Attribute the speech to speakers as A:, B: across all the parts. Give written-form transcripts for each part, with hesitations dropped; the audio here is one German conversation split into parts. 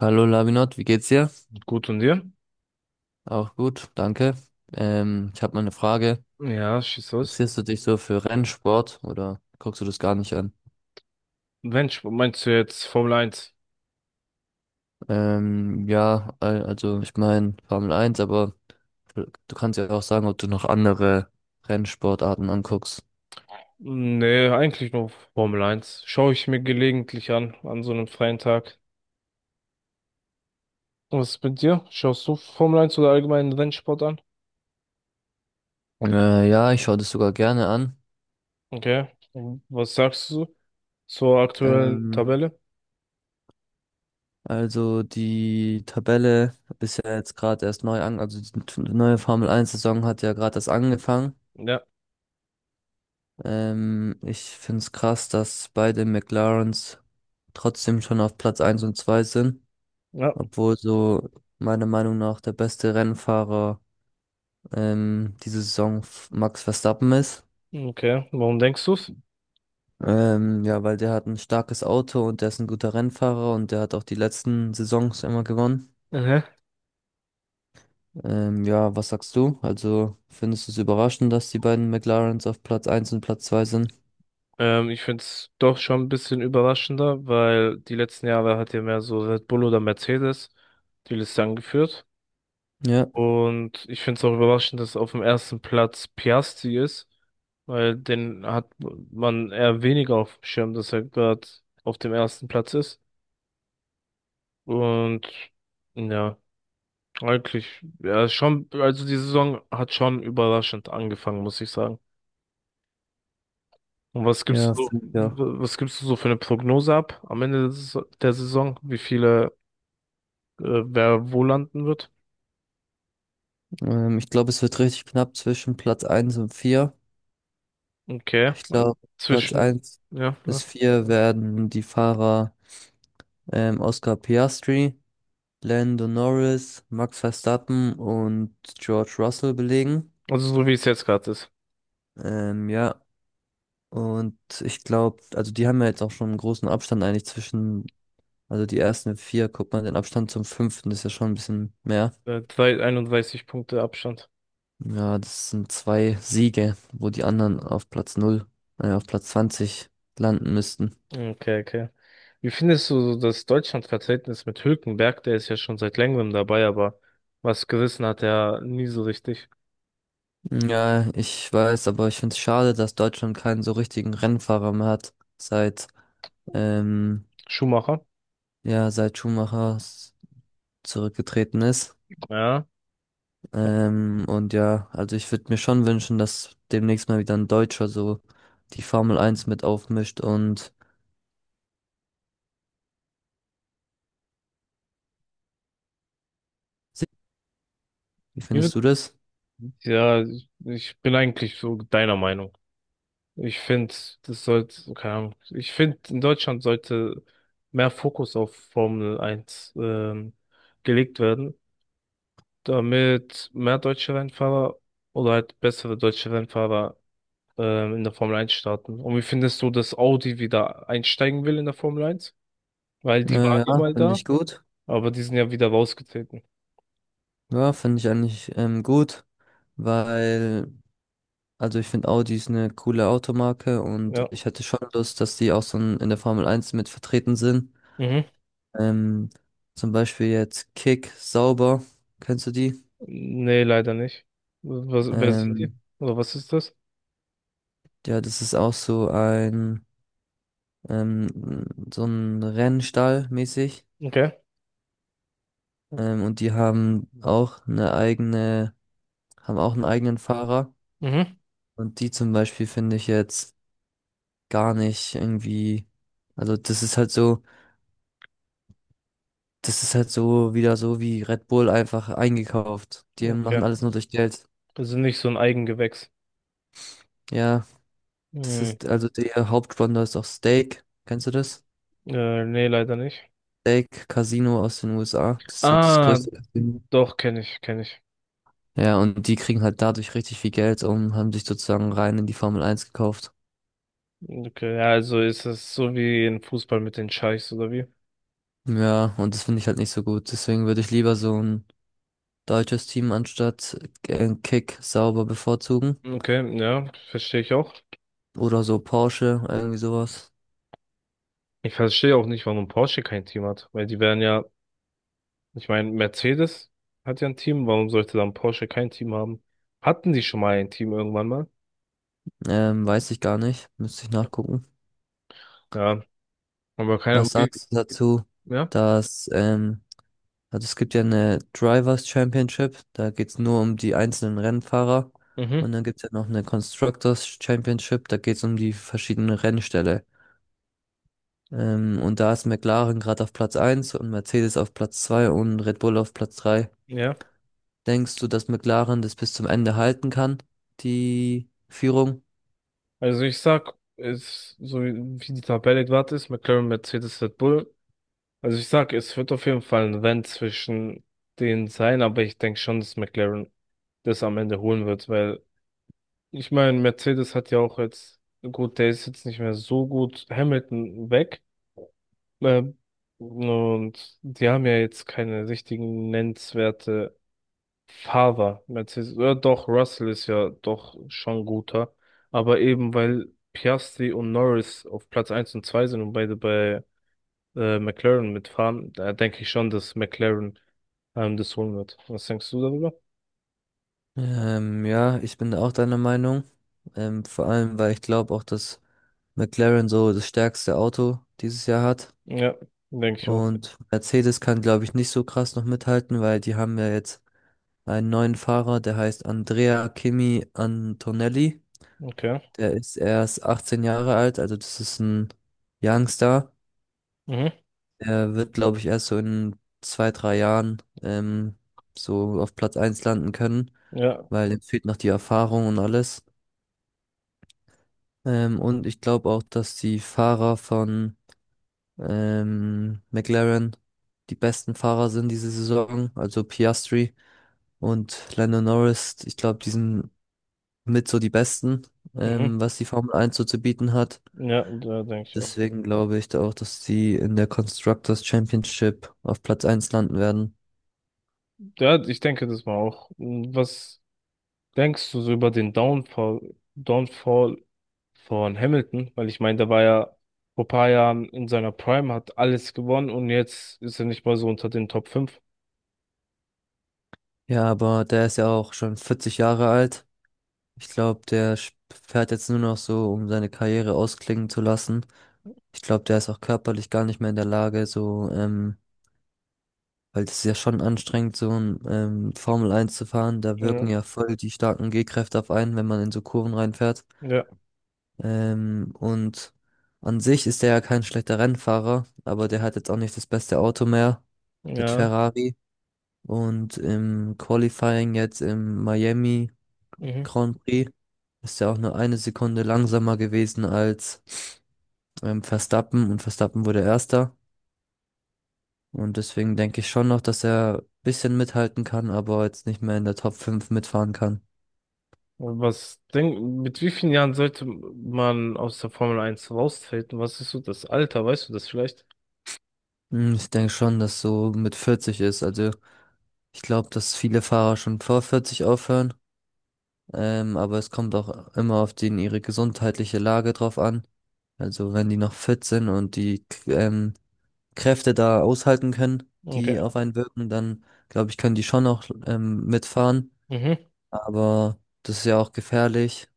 A: Hallo Lavinot, wie geht's dir?
B: Gut und dir?
A: Auch gut, danke. Ich habe mal eine Frage.
B: Ja, schieß los.
A: Interessierst du dich so für Rennsport oder guckst du das gar nicht an?
B: Mensch, meinst du jetzt Formel eins?
A: Ja, also ich meine Formel 1, aber du kannst ja auch sagen, ob du noch andere Rennsportarten anguckst.
B: Nee, eigentlich nur Formel eins. Schaue ich mir gelegentlich an, an so einem freien Tag. Was ist mit dir? Schaust du Formel eins oder allgemeinen Rennsport an?
A: Ja, ich schaue das sogar gerne an.
B: Okay. Und was sagst du zur aktuellen
A: Ähm,
B: Tabelle?
A: also die Tabelle ist ja jetzt gerade erst neu an, also die neue Formel 1 Saison hat ja gerade erst angefangen.
B: Ja.
A: Ich finde es krass, dass beide McLarens trotzdem schon auf Platz 1 und 2 sind,
B: Ja.
A: obwohl so meiner Meinung nach der beste Rennfahrer diese Saison Max Verstappen ist.
B: Okay. Warum denkst du's?
A: Ja, weil der hat ein starkes Auto und der ist ein guter Rennfahrer und der hat auch die letzten Saisons immer gewonnen.
B: Mhm.
A: Ja, was sagst du? Also findest du es überraschend, dass die beiden McLarens auf Platz eins und Platz 2 sind?
B: Ich find's doch schon ein bisschen überraschender, weil die letzten Jahre hat ja mehr so Red Bull oder Mercedes die Liste angeführt.
A: Ja,
B: Und ich finde es auch überraschend, dass auf dem ersten Platz Piastri ist, weil den hat man eher weniger auf dem Schirm, dass er gerade auf dem ersten Platz ist. Und ja, eigentlich, ja, ist schon, also die Saison hat schon überraschend angefangen, muss ich sagen. Und
A: ja, finde ich auch.
B: was gibst du so für eine Prognose ab am Ende der Saison? Wer wo landen wird?
A: Ich glaube, es wird richtig knapp zwischen Platz 1 und 4.
B: Okay,
A: Ich
B: also
A: glaube, Platz
B: zwischen,
A: eins
B: ja, ja.
A: bis 4 werden die Fahrer Oscar Piastri, Lando Norris, Max Verstappen und George Russell belegen.
B: Also so wie es jetzt gerade ist.
A: Ja, und ich glaube, also die haben ja jetzt auch schon einen großen Abstand eigentlich zwischen, also die ersten 4, guck mal, den Abstand zum 5. ist ja schon ein bisschen mehr.
B: 31 Punkte Abstand.
A: Ja, das sind zwei Siege, wo die anderen auf Platz 0, auf Platz 20 landen müssten.
B: Okay, okay. Wie findest du so das Deutschlandverhältnis mit Hülkenberg? Der ist ja schon seit längerem dabei, aber was gerissen hat er nie so richtig.
A: Ja, ich weiß, aber ich finde es schade, dass Deutschland keinen so richtigen Rennfahrer mehr hat, seit, ähm,
B: Schumacher?
A: ja, seit Schumacher zurückgetreten ist.
B: Ja.
A: Und ja, also ich würde mir schon wünschen, dass demnächst mal wieder ein Deutscher so die Formel 1 mit aufmischt und se- Wie
B: Wie
A: findest
B: wird-
A: du das?
B: Ja, ich bin eigentlich so deiner Meinung. Ich finde, das sollte, keine Ahnung, ich finde, in Deutschland sollte mehr Fokus auf Formel 1 gelegt werden, damit mehr deutsche Rennfahrer oder halt bessere deutsche Rennfahrer in der Formel eins starten. Und wie findest du, dass Audi wieder einsteigen will in der Formel eins? Weil die waren ja
A: Ja,
B: mal
A: finde
B: da,
A: ich gut.
B: aber die sind ja wieder rausgetreten.
A: Ja, finde ich eigentlich gut, weil. Also ich finde, Audi ist eine coole Automarke und
B: Ja.
A: ich hätte schon Lust, dass die auch so in der Formel Eins mit vertreten sind.
B: Mhm.
A: Ähm, Zum Beispiel jetzt Kick Sauber, kennst du die?
B: Nee, leider nicht. Wer sind die?
A: Ähm,
B: Oder was ist das?
A: ja, das ist auch ähm, so ein Rennstall mäßig.
B: Okay.
A: Und die haben haben auch einen eigenen Fahrer.
B: Mhm.
A: Und die zum Beispiel finde ich jetzt gar nicht irgendwie, also Das ist halt so wieder so wie Red Bull einfach eingekauft. Die machen
B: Okay.
A: alles nur durch Geld.
B: Das sind nicht so ein Eigengewächs.
A: Ja, das
B: Hm.
A: ist also der Hauptsponsor ist auch Stake. Kennst du das?
B: Nee, leider nicht.
A: Stake Casino aus den USA. Das ist so das
B: Ah,
A: größte Casino.
B: doch, kenne ich, kenne ich.
A: Ja, und die kriegen halt dadurch richtig viel Geld und haben sich sozusagen rein in die Formel Eins gekauft.
B: Okay, ja, also ist es so wie im Fußball mit den Scheichs oder wie?
A: Ja, und das finde ich halt nicht so gut. Deswegen würde ich lieber so ein deutsches Team anstatt Kick Sauber bevorzugen.
B: Okay, ja, verstehe ich auch.
A: Oder so Porsche, irgendwie sowas.
B: Ich verstehe auch nicht, warum Porsche kein Team hat, weil die wären ja. Ich meine, Mercedes hat ja ein Team, warum sollte dann Porsche kein Team haben? Hatten die schon mal ein Team irgendwann mal?
A: Weiß ich gar nicht. Müsste ich nachgucken.
B: Ja, aber keine,
A: Was sagst du dazu,
B: ja,
A: dass, also es gibt ja eine Drivers Championship, da geht's nur um die einzelnen Rennfahrer.
B: mhm,
A: Und dann gibt's ja noch eine Constructors Championship, da geht's um die verschiedenen Rennställe. Und da ist McLaren gerade auf Platz eins und Mercedes auf Platz 2 und Red Bull auf Platz 3.
B: ja.
A: Denkst du, dass McLaren das bis zum Ende halten kann, die Führung?
B: Also ich sag, es, so wie die Tabelle gerade ist, McLaren, Mercedes, Red Bull. Also ich sag, es wird auf jeden Fall ein Rennen zwischen denen sein, aber ich denke schon, dass McLaren das am Ende holen wird, weil ich meine, Mercedes hat ja auch jetzt, gut, der ist jetzt nicht mehr so gut, Hamilton weg. Ähm, und die haben ja jetzt keine richtigen nennenswerte Fahrer. Mercedes, ja, doch, Russell ist ja doch schon guter. Aber eben weil Piastri und Norris auf Platz eins und 2 sind und beide bei McLaren mitfahren, da denke ich schon, dass McLaren das holen wird. Was denkst du darüber?
A: Ja, ich bin auch deiner Meinung. Vor allem, weil ich glaube auch, dass McLaren so das stärkste Auto dieses Jahr hat.
B: Ja, denke ich auch.
A: Und Mercedes kann, glaube ich, nicht so krass noch mithalten, weil die haben ja jetzt einen neuen Fahrer, der heißt Andrea Kimi Antonelli.
B: Okay.
A: Der ist erst 18 Jahre alt, also das ist ein Youngster.
B: Mhm.
A: Er wird, glaube ich, erst so in zwei, drei Jahren so auf Platz eins landen können,
B: Ja.
A: weil ihm fehlt noch die Erfahrung und alles. Und ich glaube auch, dass die Fahrer von McLaren die besten Fahrer sind diese Saison. Also Piastri und Lando Norris. Ich glaube, die sind mit so die besten,
B: Mhm.
A: was die Formel 1 so zu bieten hat.
B: Ja, da denke ich auch.
A: Deswegen glaube ich da auch, dass die in der Constructors Championship auf Platz eins landen werden.
B: Ja, ich denke das mal auch. Was Denkst du so über den Downfall von Hamilton? Weil ich meine, der war ja vor ein paar Jahren in seiner Prime, hat alles gewonnen und jetzt ist er nicht mal so unter den Top fünf.
A: Ja, aber der ist ja auch schon 40 Jahre alt. Ich glaube, der fährt jetzt nur noch so, um seine Karriere ausklingen zu lassen. Ich glaube, der ist auch körperlich gar nicht mehr in der Lage, so, weil das ist ja schon anstrengend, so ein Formel 1 zu fahren. Da wirken
B: Ja,
A: ja voll die starken G-Kräfte auf einen, wenn man in so Kurven reinfährt.
B: ja,
A: Und an sich ist der ja kein schlechter Rennfahrer, aber der hat jetzt auch nicht das beste Auto mehr mit
B: ja.
A: Ferrari. Und im Qualifying jetzt in Miami
B: Mhm.
A: Grand Prix ist ja auch nur eine Sekunde langsamer gewesen als Verstappen und Verstappen wurde Erster. Und deswegen denke ich schon noch, dass er ein bisschen mithalten kann, aber jetzt nicht mehr in der Top 5 mitfahren kann.
B: Mit wie vielen Jahren sollte man aus der Formel eins raustreten? Was ist so das Alter? Weißt du das vielleicht?
A: Hm, ich denke schon, dass so mit 40 ist. Also ich glaube, dass viele Fahrer schon vor 40 aufhören. Aber es kommt auch immer auf den ihre gesundheitliche Lage drauf an. Also wenn die noch fit sind und die Kräfte da aushalten können,
B: Okay.
A: die auf einen wirken, dann glaube ich, können die schon auch mitfahren.
B: Mhm.
A: Aber das ist ja auch gefährlich,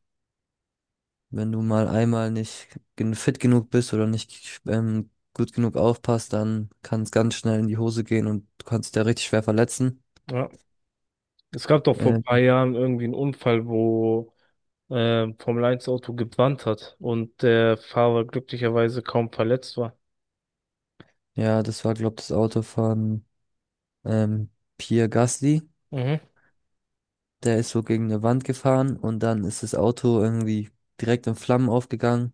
A: wenn du mal einmal nicht fit genug bist oder nicht gut genug aufpasst, dann kann es ganz schnell in die Hose gehen und du kannst dich da richtig schwer verletzen.
B: Ja. Es gab doch vor ein paar
A: Ähm,
B: Jahren irgendwie einen Unfall, wo Formel eins Auto gebrannt hat und der Fahrer glücklicherweise kaum verletzt war.
A: ja, das war, glaube ich, das Auto von ähm, Pierre Gasly.
B: Mhm.
A: Der ist so gegen eine Wand gefahren und dann ist das Auto irgendwie direkt in Flammen aufgegangen.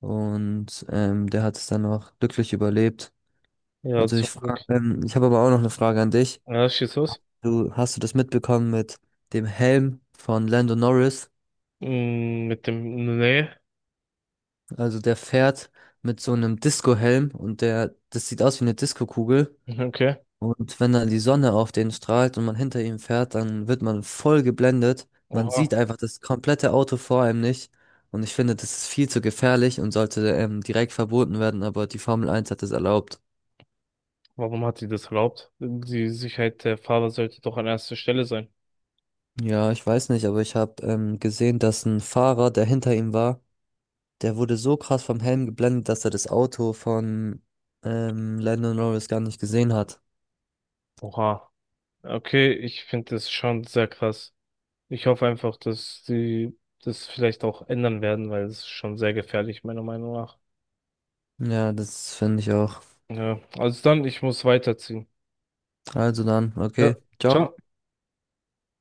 A: Und der hat es dann noch glücklich überlebt.
B: Ja, zum Glück.
A: Ich habe aber auch noch eine Frage an dich.
B: Ja, schieß los.
A: Du hast du das mitbekommen mit dem Helm von Lando Norris?
B: Mm, mit dem, nee,
A: Also der fährt mit so einem Disco-Helm und das sieht aus wie eine Disco-Kugel.
B: okay.
A: Und wenn dann die Sonne auf den strahlt und man hinter ihm fährt, dann wird man voll geblendet. Man
B: Oha,
A: sieht einfach das komplette Auto vor einem nicht. Und ich finde, das ist viel zu gefährlich und sollte direkt verboten werden, aber die Formel Eins hat es erlaubt.
B: warum hat sie das erlaubt? Die Sicherheit der Fahrer sollte doch an erster Stelle sein.
A: Ja, ich weiß nicht, aber ich habe gesehen, dass ein Fahrer, der hinter ihm war, der wurde so krass vom Helm geblendet, dass er das Auto von Lando Norris gar nicht gesehen hat.
B: Oha, okay, ich finde das schon sehr krass. Ich hoffe einfach, dass sie das vielleicht auch ändern werden, weil es ist schon sehr gefährlich, meiner Meinung nach.
A: Ja, das finde ich auch.
B: Ja, also dann, ich muss weiterziehen.
A: Also dann,
B: Ja,
A: okay.
B: ciao.